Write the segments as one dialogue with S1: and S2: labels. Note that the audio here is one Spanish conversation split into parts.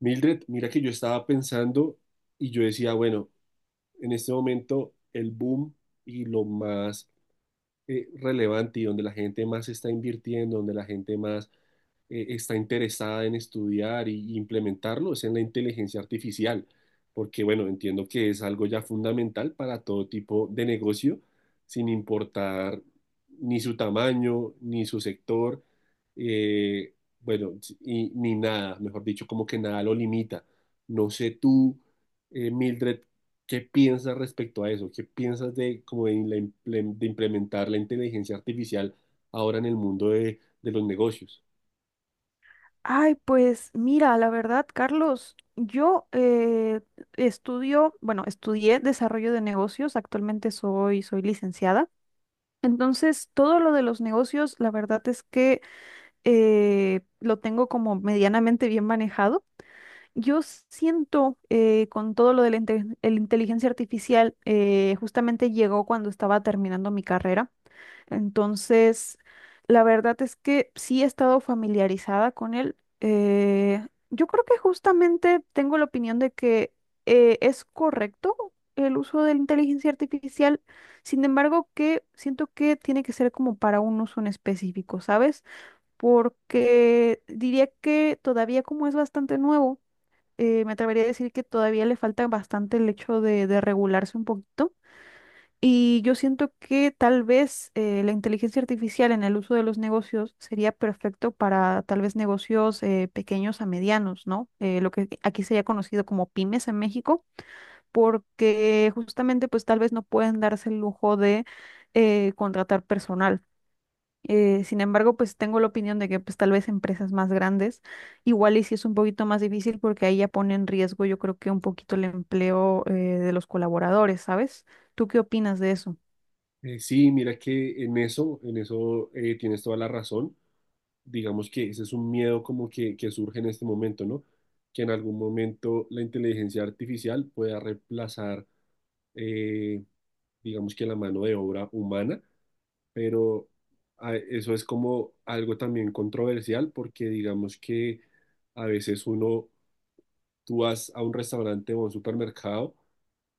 S1: Mildred, mira que yo estaba pensando y yo decía, bueno, en este momento el boom y lo más relevante, y donde la gente más está invirtiendo, donde la gente más está interesada en estudiar y implementarlo, es en la inteligencia artificial, porque bueno, entiendo que es algo ya fundamental para todo tipo de negocio, sin importar ni su tamaño, ni su sector, eh, bueno, si, y, ni nada, mejor dicho, como que nada lo limita. No sé tú, Mildred, ¿qué piensas respecto a eso? ¿Qué piensas de, como de, la de implementar la inteligencia artificial ahora en el mundo de los negocios?
S2: Ay, pues mira, la verdad, Carlos, yo bueno, estudié desarrollo de negocios, actualmente soy licenciada. Entonces, todo lo de los negocios, la verdad es que lo tengo como medianamente bien manejado. Yo siento con todo lo de el inteligencia artificial, justamente llegó cuando estaba terminando mi carrera. Entonces, la verdad es que sí he estado familiarizada con él. Yo creo que justamente tengo la opinión de que es correcto el uso de la inteligencia artificial, sin embargo, que siento que tiene que ser como para un uso en específico, ¿sabes? Porque diría que todavía como es bastante nuevo, me atrevería a decir que todavía le falta bastante el hecho de regularse un poquito y yo siento que tal vez la inteligencia artificial en el uso de los negocios sería perfecto para tal vez negocios pequeños a medianos, ¿no? Lo que aquí sería conocido como pymes en México, porque justamente pues tal vez no pueden darse el lujo de contratar personal. Sin embargo, pues tengo la opinión de que pues tal vez empresas más grandes, igual y si es un poquito más difícil porque ahí ya pone en riesgo yo creo que un poquito el empleo de los colaboradores, ¿sabes? ¿Tú qué opinas de eso?
S1: Sí, mira que en eso tienes toda la razón. Digamos que ese es un miedo como que surge en este momento, ¿no? Que en algún momento la inteligencia artificial pueda reemplazar, eh, digamos que la mano de obra humana, pero eso es como algo también controversial, porque digamos que a veces uno, tú vas a un restaurante o a un supermercado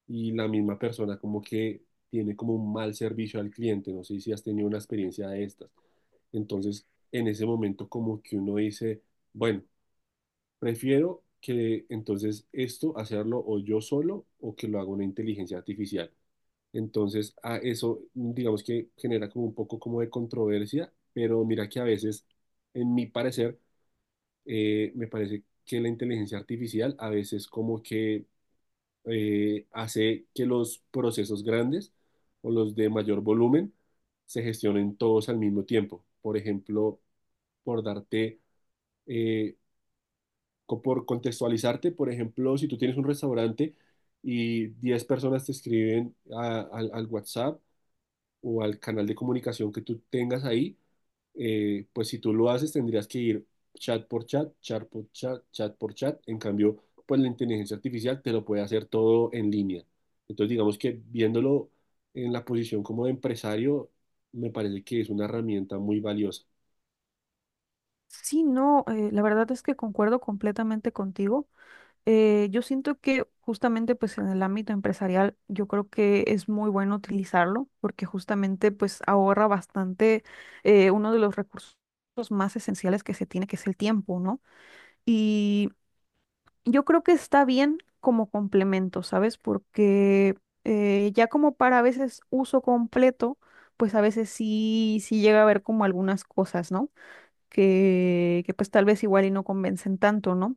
S1: y la misma persona como que tiene como un mal servicio al cliente. No sé si has tenido una experiencia de estas. Entonces, en ese momento como que uno dice, bueno, prefiero que entonces esto hacerlo o yo solo o que lo haga una inteligencia artificial. Entonces, a eso digamos que genera como un poco como de controversia, pero mira que a veces, en mi parecer, me parece que la inteligencia artificial a veces como que hace que los procesos grandes o los de mayor volumen se gestionen todos al mismo tiempo. Por ejemplo, por darte, eh, por contextualizarte, por ejemplo, si tú tienes un restaurante y 10 personas te escriben al WhatsApp, o al canal de comunicación que tú tengas ahí, pues si tú lo haces tendrías que ir chat por chat, chat por chat, chat por chat. En cambio, pues la inteligencia artificial te lo puede hacer todo en línea. Entonces, digamos que viéndolo en la posición como de empresario, me parece que es una herramienta muy valiosa.
S2: Sí, no, la verdad es que concuerdo completamente contigo. Yo siento que justamente pues en el ámbito empresarial yo creo que es muy bueno utilizarlo porque justamente pues ahorra bastante uno de los recursos más esenciales que se tiene, que es el tiempo, ¿no? Y yo creo que está bien como complemento, ¿sabes? Porque ya como para a veces uso completo, pues a veces sí, sí llega a haber como algunas cosas, ¿no? Que pues tal vez igual y no convencen tanto, ¿no?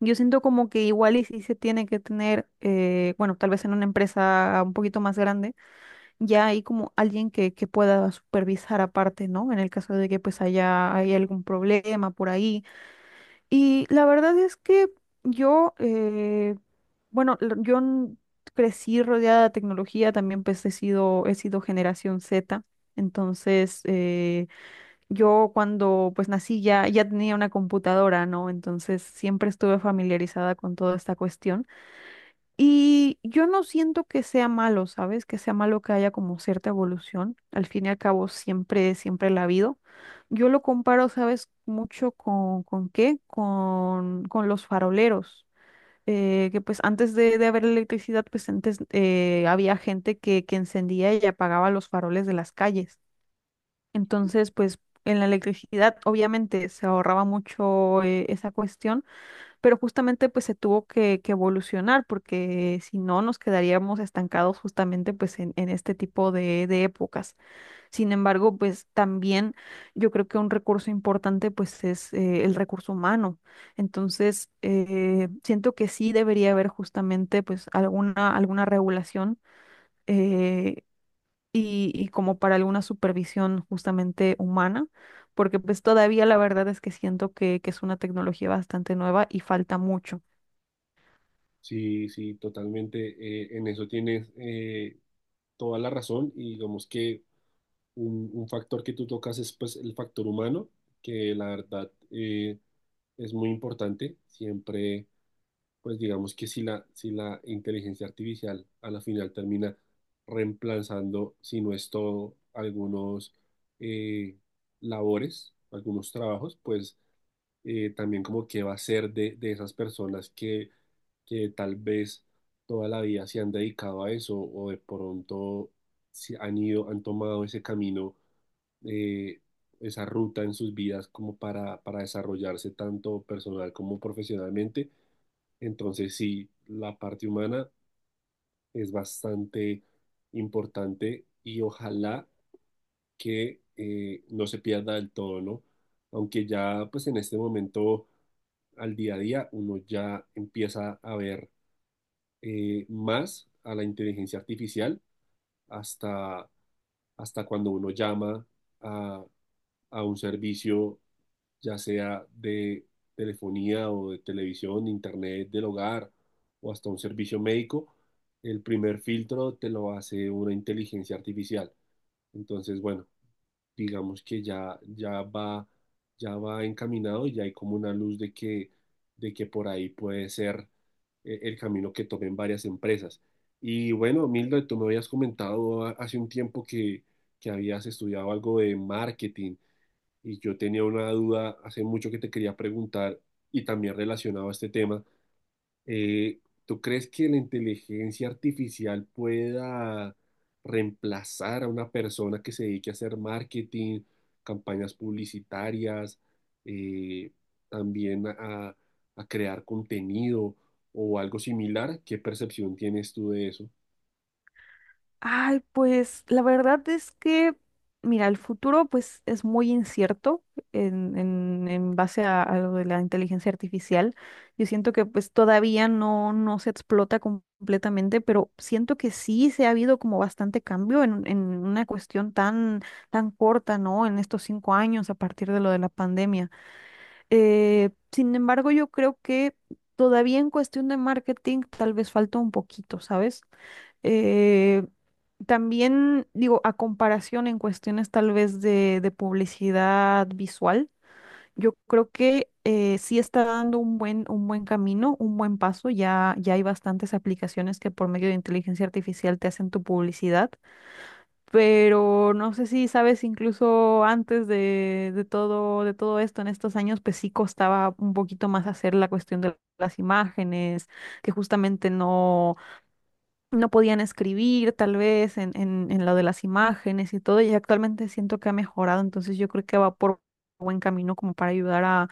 S2: Yo siento como que igual y sí se tiene que tener, bueno, tal vez en una empresa un poquito más grande, ya hay como alguien que pueda supervisar aparte, ¿no? En el caso de que pues hay algún problema por ahí. Y la verdad es que yo, bueno, crecí rodeada de tecnología, también pues he sido generación Z, entonces, yo cuando pues nací ya, ya tenía una computadora, ¿no? Entonces siempre estuve familiarizada con toda esta cuestión. Y yo no siento que sea malo, ¿sabes? Que sea malo que haya como cierta evolución. Al fin y al cabo siempre, siempre la ha habido. Yo lo comparo, ¿sabes? Mucho ¿con qué? Con los faroleros, que pues antes de haber electricidad, pues antes había gente que encendía y apagaba los faroles de las calles. Entonces, pues en la electricidad obviamente se ahorraba mucho esa cuestión, pero justamente pues se tuvo que evolucionar porque si no nos quedaríamos estancados justamente pues en este tipo de épocas. Sin embargo, pues también yo creo que un recurso importante pues es el recurso humano. Entonces, siento que sí debería haber justamente pues alguna regulación, eh, y como para alguna supervisión justamente humana, porque pues todavía la verdad es que siento que es una tecnología bastante nueva y falta mucho.
S1: Sí, sí, totalmente. En eso tienes toda la razón. Y digamos que un factor que tú tocas es pues el factor humano, que la verdad es muy importante. Siempre, pues digamos que si la inteligencia artificial a la final termina reemplazando, si no es todo, algunos eh, labores, algunos trabajos, pues también como que va a ser de esas personas que tal vez toda la vida se han dedicado a eso, o de pronto se han ido, han tomado ese camino, eh, esa ruta en sus vidas como para desarrollarse tanto personal como profesionalmente. Entonces sí, la parte humana es bastante importante, y ojalá que no se pierda del todo, ¿no? Aunque ya pues en este momento, al día a día, uno ya empieza a ver más a la inteligencia artificial hasta, hasta cuando uno llama a, a un servicio, ya sea de telefonía o de televisión, de internet, del hogar, o hasta un servicio médico, el primer filtro te lo hace una inteligencia artificial. Entonces, bueno, digamos que ya, ya va encaminado, y ya hay como una luz de que por ahí puede ser el camino que tomen varias empresas. Y bueno, Milda, tú me habías comentado hace un tiempo que habías estudiado algo de marketing, y yo tenía una duda hace mucho que te quería preguntar, y también relacionado a este tema. Eh, ¿Tú crees que la inteligencia artificial pueda reemplazar a una persona que se dedique a hacer marketing, campañas publicitarias, eh, también a crear contenido o algo similar? ¿Qué percepción tienes tú de eso?
S2: Ay, pues la verdad es que, mira, el futuro pues es muy incierto en base a lo de la inteligencia artificial. Yo siento que pues todavía no, no se explota completamente, pero siento que sí se ha habido como bastante cambio en una cuestión tan, tan corta, ¿no? En estos 5 años a partir de lo de la pandemia. Sin embargo, yo creo que todavía en cuestión de marketing tal vez falta un poquito, ¿sabes? Eh, también digo, a comparación en cuestiones tal vez de publicidad visual, yo creo que sí está dando un buen camino, un buen paso. Ya, ya hay bastantes aplicaciones que por medio de inteligencia artificial te hacen tu publicidad, pero no sé si sabes, incluso antes de todo esto, en estos años, pues sí costaba un poquito más hacer la cuestión de las imágenes que justamente no, no podían escribir tal vez en lo de las imágenes y todo, y actualmente siento que ha mejorado, entonces yo creo que va por buen camino como para ayudar a,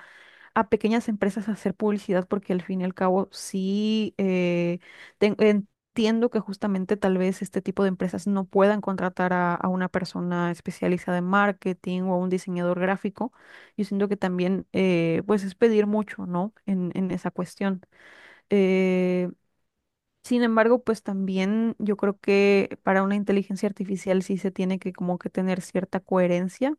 S2: a pequeñas empresas a hacer publicidad, porque al fin y al cabo sí entiendo que justamente tal vez este tipo de empresas no puedan contratar a una persona especializada en marketing o a un diseñador gráfico, yo siento que también pues es pedir mucho, ¿no? En esa cuestión. eh, sin embargo, pues también yo creo que para una inteligencia artificial sí se tiene que como que tener cierta coherencia,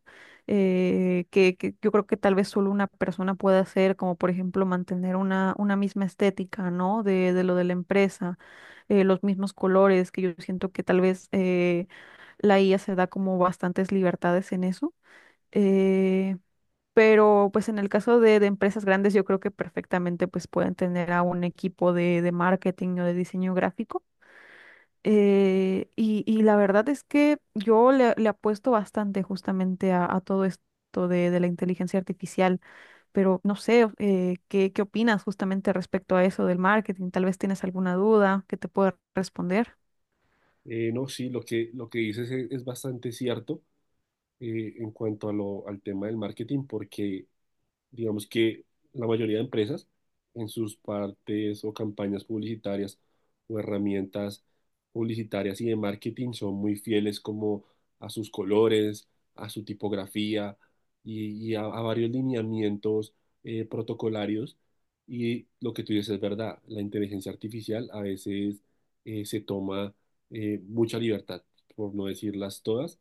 S2: que yo creo que tal vez solo una persona puede hacer, como por ejemplo mantener una misma estética, ¿no? De lo de la empresa, los mismos colores, que yo siento que tal vez la IA se da como bastantes libertades en eso. Eh, pero pues en el caso de empresas grandes, yo creo que perfectamente pues pueden tener a un equipo de marketing o de diseño gráfico. Y la verdad es que yo le apuesto bastante justamente a todo esto de la inteligencia artificial, pero no sé, ¿qué opinas justamente respecto a eso del marketing? Tal vez tienes alguna duda que te pueda responder.
S1: No, sí, lo que dices es bastante cierto en cuanto a al tema del marketing, porque digamos que la mayoría de empresas en sus partes o campañas publicitarias o herramientas publicitarias y de marketing son muy fieles como a sus colores, a su tipografía y a varios lineamientos protocolarios. Y lo que tú dices es verdad, la inteligencia artificial a veces se toma mucha libertad, por no decirlas todas.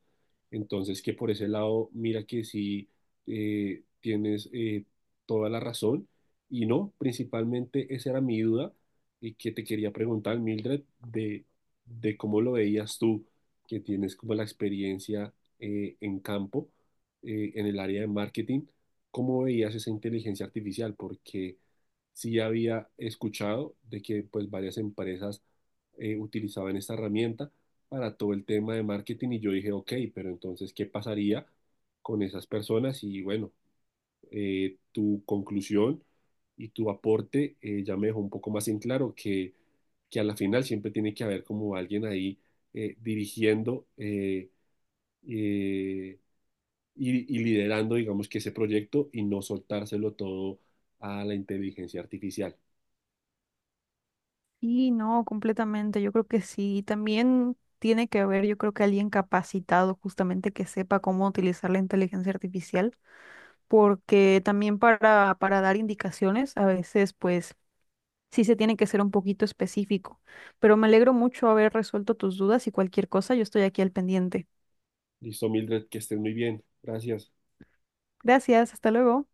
S1: Entonces, que por ese lado, mira que sí tienes toda la razón. Y no, principalmente esa era mi duda y que te quería preguntar, Mildred, de cómo lo veías tú, que tienes como la experiencia en campo, en el área de marketing, cómo veías esa inteligencia artificial, porque sí había escuchado de que pues varias empresas utilizaban esta herramienta para todo el tema de marketing, y yo dije, ok, pero entonces, ¿qué pasaría con esas personas? Y bueno, tu conclusión y tu aporte ya me dejó un poco más en claro que a la final siempre tiene que haber como alguien ahí dirigiendo eh, y liderando, digamos que ese proyecto, y no soltárselo todo a la inteligencia artificial.
S2: Y no, completamente, yo creo que sí. También tiene que haber, yo creo que alguien capacitado justamente que sepa cómo utilizar la inteligencia artificial, porque también para dar indicaciones, a veces pues sí se tiene que ser un poquito específico. Pero me alegro mucho haber resuelto tus dudas y cualquier cosa, yo estoy aquí al pendiente.
S1: Listo, Mildred, que estén muy bien. Gracias.
S2: Gracias, hasta luego.